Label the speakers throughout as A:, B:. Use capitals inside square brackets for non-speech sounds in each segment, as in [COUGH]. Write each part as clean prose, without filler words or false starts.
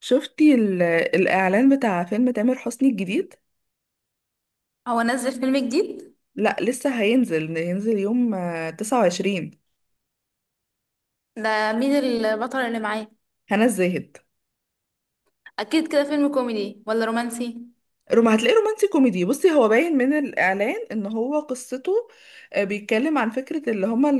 A: شفتي ال- الإعلان بتاع فيلم تامر حسني الجديد؟
B: هو نزل فيلم جديد؟
A: لا لسه هينزل هينزل يوم 29.
B: ده مين البطل اللي معاه؟
A: هنا الزاهد.
B: اكيد كده فيلم كوميدي ولا رومانسي؟
A: روم هتلاقيه رومانسي كوميدي. بصي هو باين من الإعلان إن هو قصته بيتكلم عن فكرة اللي هما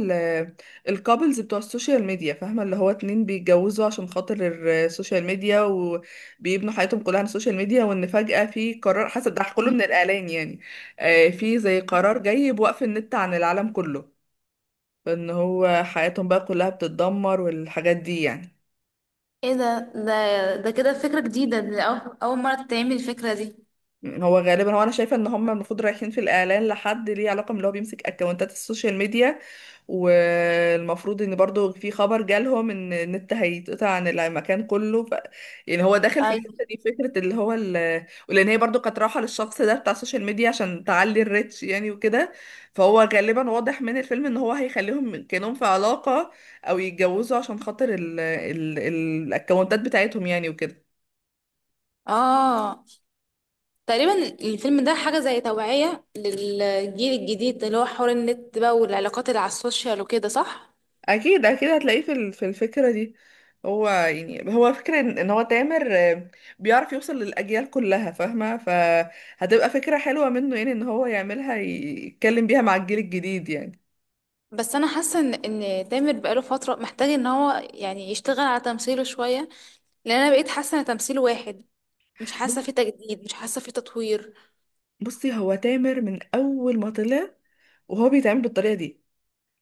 A: الكابلز بتوع السوشيال ميديا، فاهمة؟ اللي هو اتنين بيتجوزوا عشان خاطر السوشيال ميديا، وبيبنوا حياتهم كلها على السوشيال ميديا، وإن فجأة في قرار، حسب ده كله من الإعلان يعني، في زي قرار جاي بوقف النت عن العالم كله، ان هو حياتهم بقى كلها بتتدمر والحاجات دي يعني.
B: ايه ده كده فكرة جديدة، ده اول مرة تتعمل الفكرة دي؟
A: يعني هو غالبا هو انا شايفه ان هم المفروض رايحين في الاعلان لحد ليه علاقه من اللي هو بيمسك اكونتات السوشيال ميديا، والمفروض ان برضو في خبر جالهم ان النت هيتقطع عن المكان كله يعني هو داخل في الحته
B: ايوه.
A: دي فكره اللي هو ولان هي برضو كانت رايحه للشخص ده بتاع السوشيال ميديا عشان تعلي الريتش يعني وكده. فهو غالبا واضح من الفيلم ان هو هيخليهم كانهم في علاقه او يتجوزوا عشان خاطر الاكونتات بتاعتهم يعني وكده.
B: اه، تقريبا الفيلم ده حاجة زي توعية للجيل الجديد، اللي هو حوار النت بقى والعلاقات اللي على السوشيال وكده، صح؟
A: اكيد اكيد هتلاقيه في في الفكره دي. هو يعني هو فكره ان إن هو تامر بيعرف يوصل للاجيال كلها، فاهمه؟ فهتبقى فكره حلوه منه، يعني ان هو يعملها يتكلم بيها مع الجيل الجديد يعني.
B: بس انا حاسة ان تامر بقاله فترة محتاج ان هو يعني يشتغل على تمثيله شوية. لان انا بقيت حاسة ان تمثيله واحد، مش حاسة
A: بص-
B: في تجديد، مش حاسة في تطوير.
A: بصي هو تامر من اول ما طلع وهو بيتعامل بالطريقه دي.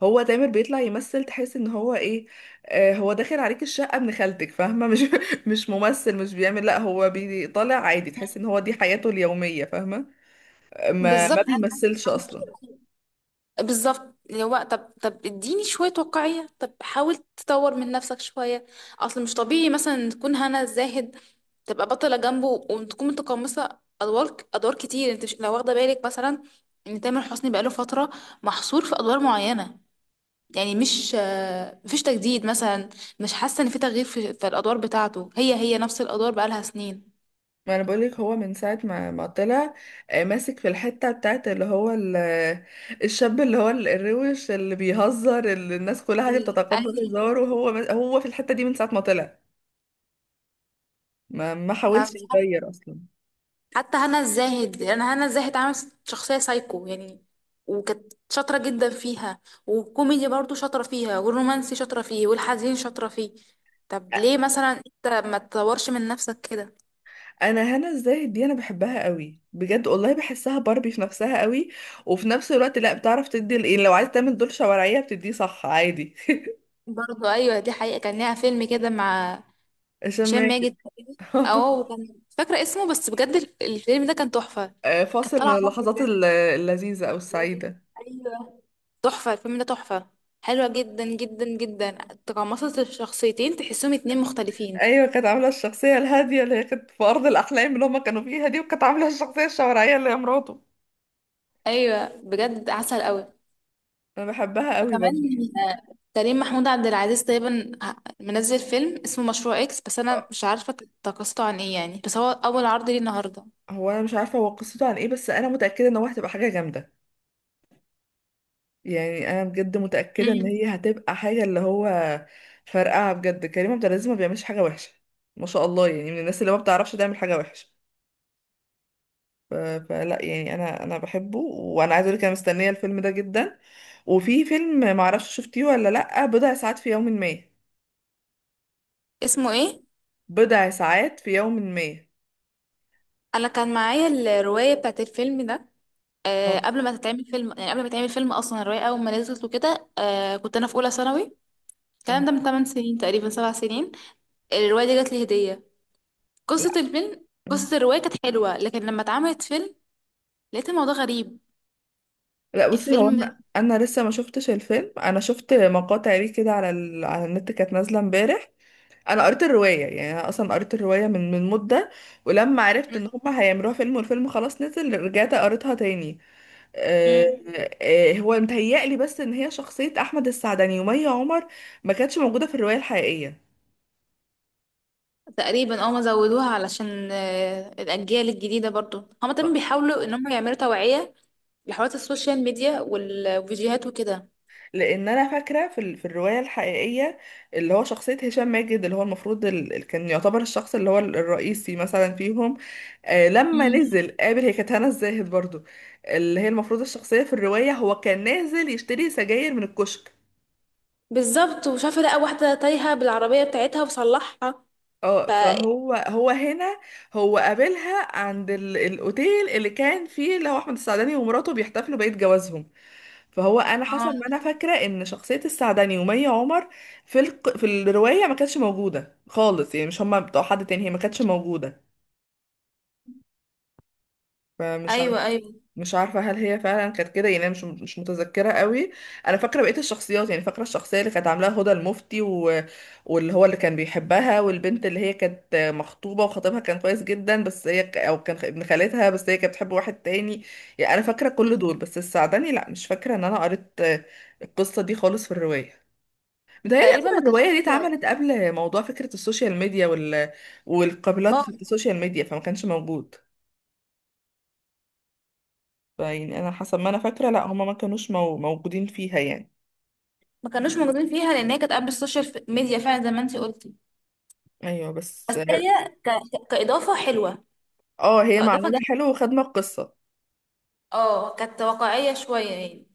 A: هو تامر بيطلع يمثل، تحس ان هو ايه، هو داخل عليك الشقه ابن خالتك، فاهمه؟ [LAUGHS] مش مش ممثل، مش بيعمل، لا هو بيطلع عادي، تحس ان هو دي حياته اليوميه، فاهمه؟ ما
B: بالظبط
A: ما
B: انا
A: بيمثلش اصلا.
B: حاسة- بالظبط، اللي هو طب اديني شويه واقعيه، طب حاول تطور من نفسك شويه. اصل مش طبيعي مثلا تكون هنا الزاهد تبقى بطله جنبه وتكون متقمصه ادوار كتير. انت مش لو واخده بالك، مثلا، ان تامر حسني بقاله فتره محصور في ادوار معينه؟ يعني مش مفيش تجديد مثلا، مش حاسه ان في تغيير في الادوار بتاعته. هي نفس الادوار بقالها سنين.
A: ما انا بقولك هو من ساعة ما طلع، ماسك في الحتة بتاعت اللي هو الشاب اللي هو الروش اللي بيهزر اللي الناس كلها دي بتتقبل
B: ايوه،
A: هزاره. وهو هو في الحتة دي من ساعة ما طلع، ما حاولش يغير اصلا.
B: حتى هنا الزاهد، انا هنا الزاهد عملت شخصيه سايكو يعني، وكانت شاطره جدا فيها، والكوميدي برضو شاطره فيها، والرومانسي شاطره فيه، والحزين شاطره فيه. طب ليه مثلا انت ما تطورش من نفسك كده؟
A: انا هنا الزاهد دي انا بحبها قوي بجد، والله بحسها باربي في نفسها قوي. وفي نفس الوقت لا بتعرف تدي يعني لو عايز تعمل دور شوارعية بتديه، صح؟ عادي. [LAUGHS]
B: برضو، ايوه، دي حقيقه. كان ليها فيلم كده مع
A: عشان
B: هشام
A: ماكن.
B: ماجد تقريبا. اه،
A: [LAUGHS]
B: وكان مش فاكره اسمه، بس بجد الفيلم ده كان تحفه. كانت
A: فاصل من
B: طالعه بقى
A: اللحظات
B: بجد.
A: اللذيذة او
B: لازم-
A: السعيدة.
B: ايوه، تحفه الفيلم ده، تحفه، حلوه جدا جدا جدا. تقمصت الشخصيتين، تحسهم اتنين مختلفين.
A: ايوه، كانت عامله الشخصيه الهاديه اللي هي كانت في ارض الاحلام اللي هما كانوا فيها دي، وكانت عامله الشخصيه الشوارعيه اللي هي مراته.
B: ايوه، بجد عسل قوي.
A: انا بحبها قوي
B: وكمان
A: برضه يعني.
B: كريم محمود عبد العزيز تقريبا منزل فيلم اسمه مشروع اكس، بس انا
A: آه،
B: مش عارفه قصته عن ايه يعني، بس هو اول عرض ليه النهارده.
A: هو انا مش عارفه هو قصته عن ايه، بس انا متاكده ان هو هتبقى حاجه جامده. يعني انا بجد متاكده ان
B: امم،
A: هي هتبقى حاجه اللي هو فرقعه بجد. كريم عبد العزيز ما بيعملش حاجه وحشه، ما شاء الله، يعني من الناس اللي ما بتعرفش تعمل حاجه وحشه. ف- فلا يعني انا بحبه، وانا عايزه اقول لك انا مستنيه الفيلم ده جدا. وفي فيلم معرفش شفتيه ولا لا، بضع ساعات في يوم ما.
B: اسمه ايه؟
A: بضع ساعات في يوم ما.
B: انا كان معايا الروايه بتاعت الفيلم ده، آه،
A: آه.
B: قبل ما تتعمل فيلم، يعني قبل ما تعمل فيلم اصلا الروايه اول ما نزلت وكده، آه، كنت انا في اولى ثانوي.
A: آه.
B: الكلام ده من 8 سنين تقريبا، 7 سنين. الروايه دي جات لي هديه.
A: لا،
B: قصه الفيلم، قصه الروايه كانت حلوه، لكن لما اتعملت فيلم لقيت الموضوع غريب.
A: لا بصي هو
B: الفيلم.
A: انا انا لسه ما شفتش الفيلم، انا شفت مقاطع ليه كده على على النت كانت نازله امبارح. انا قريت الروايه، يعني انا اصلا قريت الروايه من مده. ولما عرفت ان هم هيعملوها فيلم والفيلم خلاص نزل، رجعت قريتها تاني. آه...
B: مم.
A: هو متهيألي بس ان هي شخصيه احمد السعدني ومي عمر ما كانتش موجوده في الروايه الحقيقيه.
B: تقريبا اه، ما زودوها علشان الاجيال الجديده، برضو هما تمام بيحاولوا ان هم يعملوا توعيه لحوارات السوشيال ميديا والفيديوهات وكده.
A: لان انا فاكره في في الروايه الحقيقيه اللي هو شخصيه هشام ماجد اللي هو المفروض كان يعتبر الشخص اللي هو الرئيسي مثلا فيهم. آه، لما
B: مم.
A: نزل قابل، هي كانت هنا الزاهد برضو، اللي هي المفروض الشخصيه في الروايه. هو كان نازل يشتري سجاير من الكشك.
B: بالظبط، وشافت لقى واحده تايهه بالعربيه بتاعتها وصلحها.
A: اه
B: ف اه،
A: فهو هو هنا هو قابلها عند الاوتيل اللي كان فيه اللي هو احمد السعداني ومراته بيحتفلوا بعيد جوازهم. فهو انا حسب ما انا فاكره ان شخصيه السعدني ومي عمر في في الروايه ما كانتش موجوده خالص، يعني مش هما بتوع حد تاني، هي ما كانتش موجوده. فمش
B: ايوه
A: عارفه،
B: ايوه.
A: مش عارفه هل هي فعلا كانت كده يعني، أنا مش متذكره قوي. انا فاكره بقيه الشخصيات، يعني فاكره الشخصيه اللي كانت عاملاها هدى المفتي واللي هو اللي كان بيحبها، والبنت اللي هي كانت مخطوبه وخطيبها كان كويس جدا، بس هي او كان ابن خالتها، بس هي كانت بتحب واحد تاني. يعني انا فاكره كل
B: مم.
A: دول، بس السعدني لا، مش فاكره ان انا قريت القصه دي خالص في الروايه. متهيألي
B: تقريبا
A: أصلا
B: ما كانش
A: الرواية دي
B: فيها.
A: اتعملت قبل موضوع فكرة السوشيال ميديا والقابلات
B: اه،
A: في السوشيال ميديا، فما كانش موجود. فيعني أنا حسب ما أنا فاكرة لا، هما ما كانوش موجودين فيها يعني.
B: ما كانوش موجودين فيها، لان هي كانت قبل السوشيال ميديا فعلا، زي ما انت قلتي.
A: أيوة، بس
B: بس هي كاضافه حلوه،
A: اه هي
B: كاضافه
A: معمولة
B: جميلة.
A: حلو وخدمة القصة.
B: اه، كانت واقعيه شويه يعني.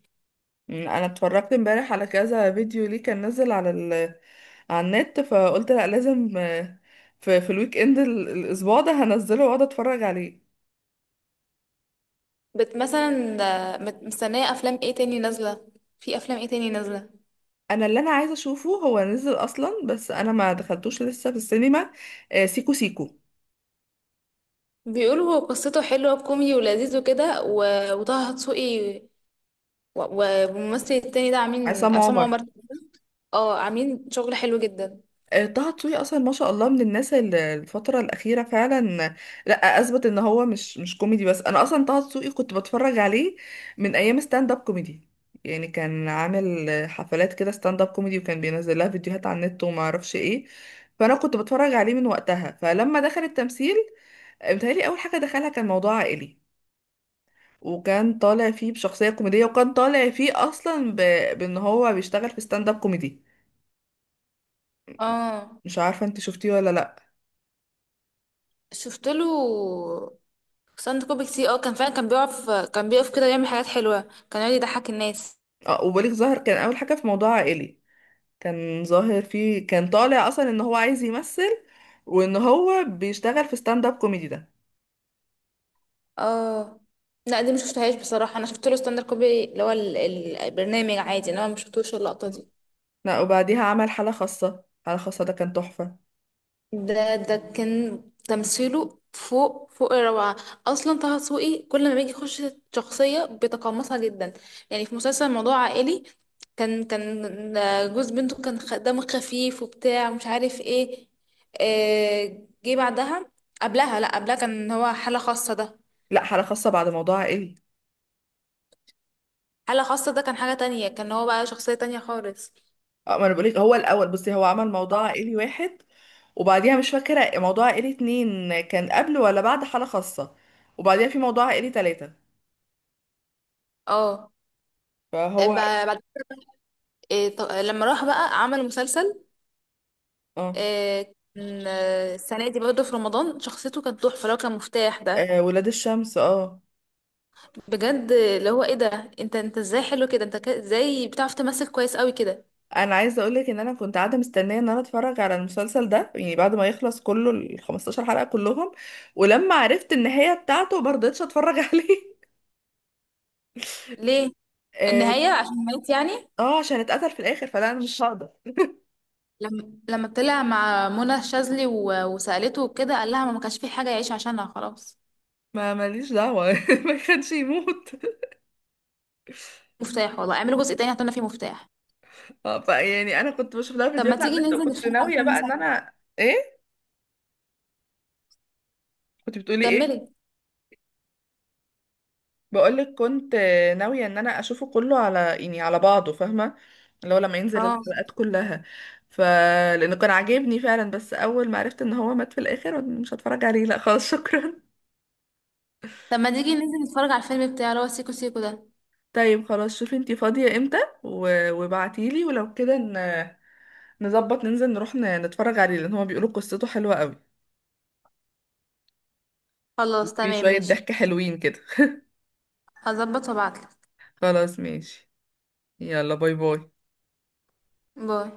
A: أنا اتفرجت امبارح على كذا فيديو ليه كان نزل على على النت، فقلت لا لازم، في الويك إند الأسبوع ده هنزله وأقعد أتفرج عليه.
B: بت مثلا، مستنية أفلام ايه تاني نازلة؟ في أفلام ايه تاني نازلة؟
A: أنا اللي أنا عايزة أشوفه هو نزل أصلا، بس أنا ما دخلتوش لسه في السينما، سيكو سيكو.
B: بيقولوا هو قصته حلوة وكوميدي ولذيذ وكده، وطه دسوقي والممثل التاني ده، عاملين
A: عصام
B: عصام
A: عمر.
B: عمر. اه، عاملين شغل حلو جدا.
A: طه دسوقي اصلا ما شاء الله من الناس اللي الفتره الاخيره فعلا لا اثبت ان هو مش مش كوميدي بس. انا اصلا طه دسوقي كنت بتفرج عليه من ايام ستاند اب كوميدي، يعني كان عامل حفلات كده ستاند اب كوميدي، وكان بينزل لها فيديوهات على النت وما اعرفش ايه. فانا كنت بتفرج عليه من وقتها. فلما دخل التمثيل، متهيألي اول حاجه دخلها كان موضوع عائلي، وكان طالع فيه بشخصيه كوميديه، وكان طالع فيه اصلا بان هو بيشتغل في ستاند اب كوميدي.
B: اه،
A: مش عارفه انت شفتيه ولا لا.
B: شفت له ساند كوبي كتير. اه، كان فعلا كان بيقف كده يعمل حاجات حلوة، كان يقعد يضحك الناس.
A: اه، وبليغ ظاهر كان اول حاجه في موضوع عائلي، كان ظاهر فيه، كان طالع اصلا ان هو عايز يمثل وان هو بيشتغل في ستاند اب كوميدي ده.
B: اه لا، دي ما شفتهاش بصراحة. انا شفت له ستاند كوبي اللي هو البرنامج عادي، انا ما شفتوش اللقطة دي.
A: لا وبعديها عمل حاله خاصه، حاله خاصه ده كان تحفه.
B: ده كان تمثيله فوق الروعة. أصلا طه دسوقي كل ما بيجي يخش شخصية بيتقمصها جدا. يعني في مسلسل موضوع عائلي، كان جوز بنته، كان دمه خفيف وبتاع ومش عارف ايه. آه، جه بعدها، قبلها، لا قبلها كان هو حالة خاصة ده.
A: لا، حاله خاصه بعد موضوع عائلي.
B: حالة خاصة ده كان حاجة تانية، كان هو بقى شخصية تانية خالص.
A: اه، ما انا بقولك، هو الاول، بصي هو عمل موضوع
B: اه
A: عائلي واحد، وبعديها مش فاكره موضوع عائلي اتنين كان قبل ولا بعد حاله خاصه، وبعديها في موضوع عائلي تلاته.
B: اه، ب-
A: فهو
B: بعد لما راح بقى عمل مسلسل،
A: اه.
B: آه، كان آه، السنة دي برضه في رمضان شخصيته كانت تحفة لو كان مفتاح ده.
A: ولاد الشمس، اه.
B: بجد، اللي هو ايه ده، انت ازاي حلو كده، انت ازاي بتعرف تمثل كويس قوي كده؟
A: انا عايزه اقولك ان انا كنت قاعده مستنيه ان انا اتفرج على المسلسل ده يعني بعد ما يخلص كله، ال 15 حلقه كلهم. ولما عرفت النهايه بتاعته ما رضيتش اتفرج [LAUGHS] عليه.
B: ليه،
A: اه.
B: النهاية عشان مات يعني؟
A: عشان اتقتل في الاخر، فلا انا مش هقدر.
B: لما طلع مع منى الشاذلي وسألته وكده قال لها ما كانش في حاجة يعيش عشانها خلاص.
A: ما ماليش دعوه [LAUGHS] ما كانش يموت. [LAUGHS]
B: مفتاح، والله اعملوا جزء تاني هتقولنا فيه مفتاح.
A: فيعني انا كنت بشوف لها
B: طب ما
A: فيديوهات على
B: تيجي
A: النت،
B: ننزل
A: وكنت
B: نتفرج على
A: ناويه
B: الفيلم
A: بقى
B: سوا؟
A: ان انا ايه. كنت بتقولي ايه؟
B: كملي.
A: بقولك كنت ناوية ان انا اشوفه كله على يعني على بعضه، فاهمة؟ اللي هو لما ينزل
B: اه،
A: الحلقات كلها. ف لانه كان عاجبني فعلا، بس اول ما عرفت ان هو مات في الاخر مش هتفرج عليه، لا خلاص [LAUGHS] شكرا.
B: طب ما تيجي ننزل نتفرج على الفيلم بتاع اللي هو سيكو سيكو ده؟
A: طيب خلاص، شوفي انتي فاضية امتى و... وابعتيلي، ولو كده نظبط ننزل نروح نتفرج عليه، لان هما بيقولوا قصته حلوة قوي.
B: خلاص
A: في
B: تمام،
A: شوية
B: ماشي.
A: ضحك حلوين كده. [LAUGHS]
B: هظبط وابعتلك.
A: خلاص ماشي. يلا باي باي.
B: باي.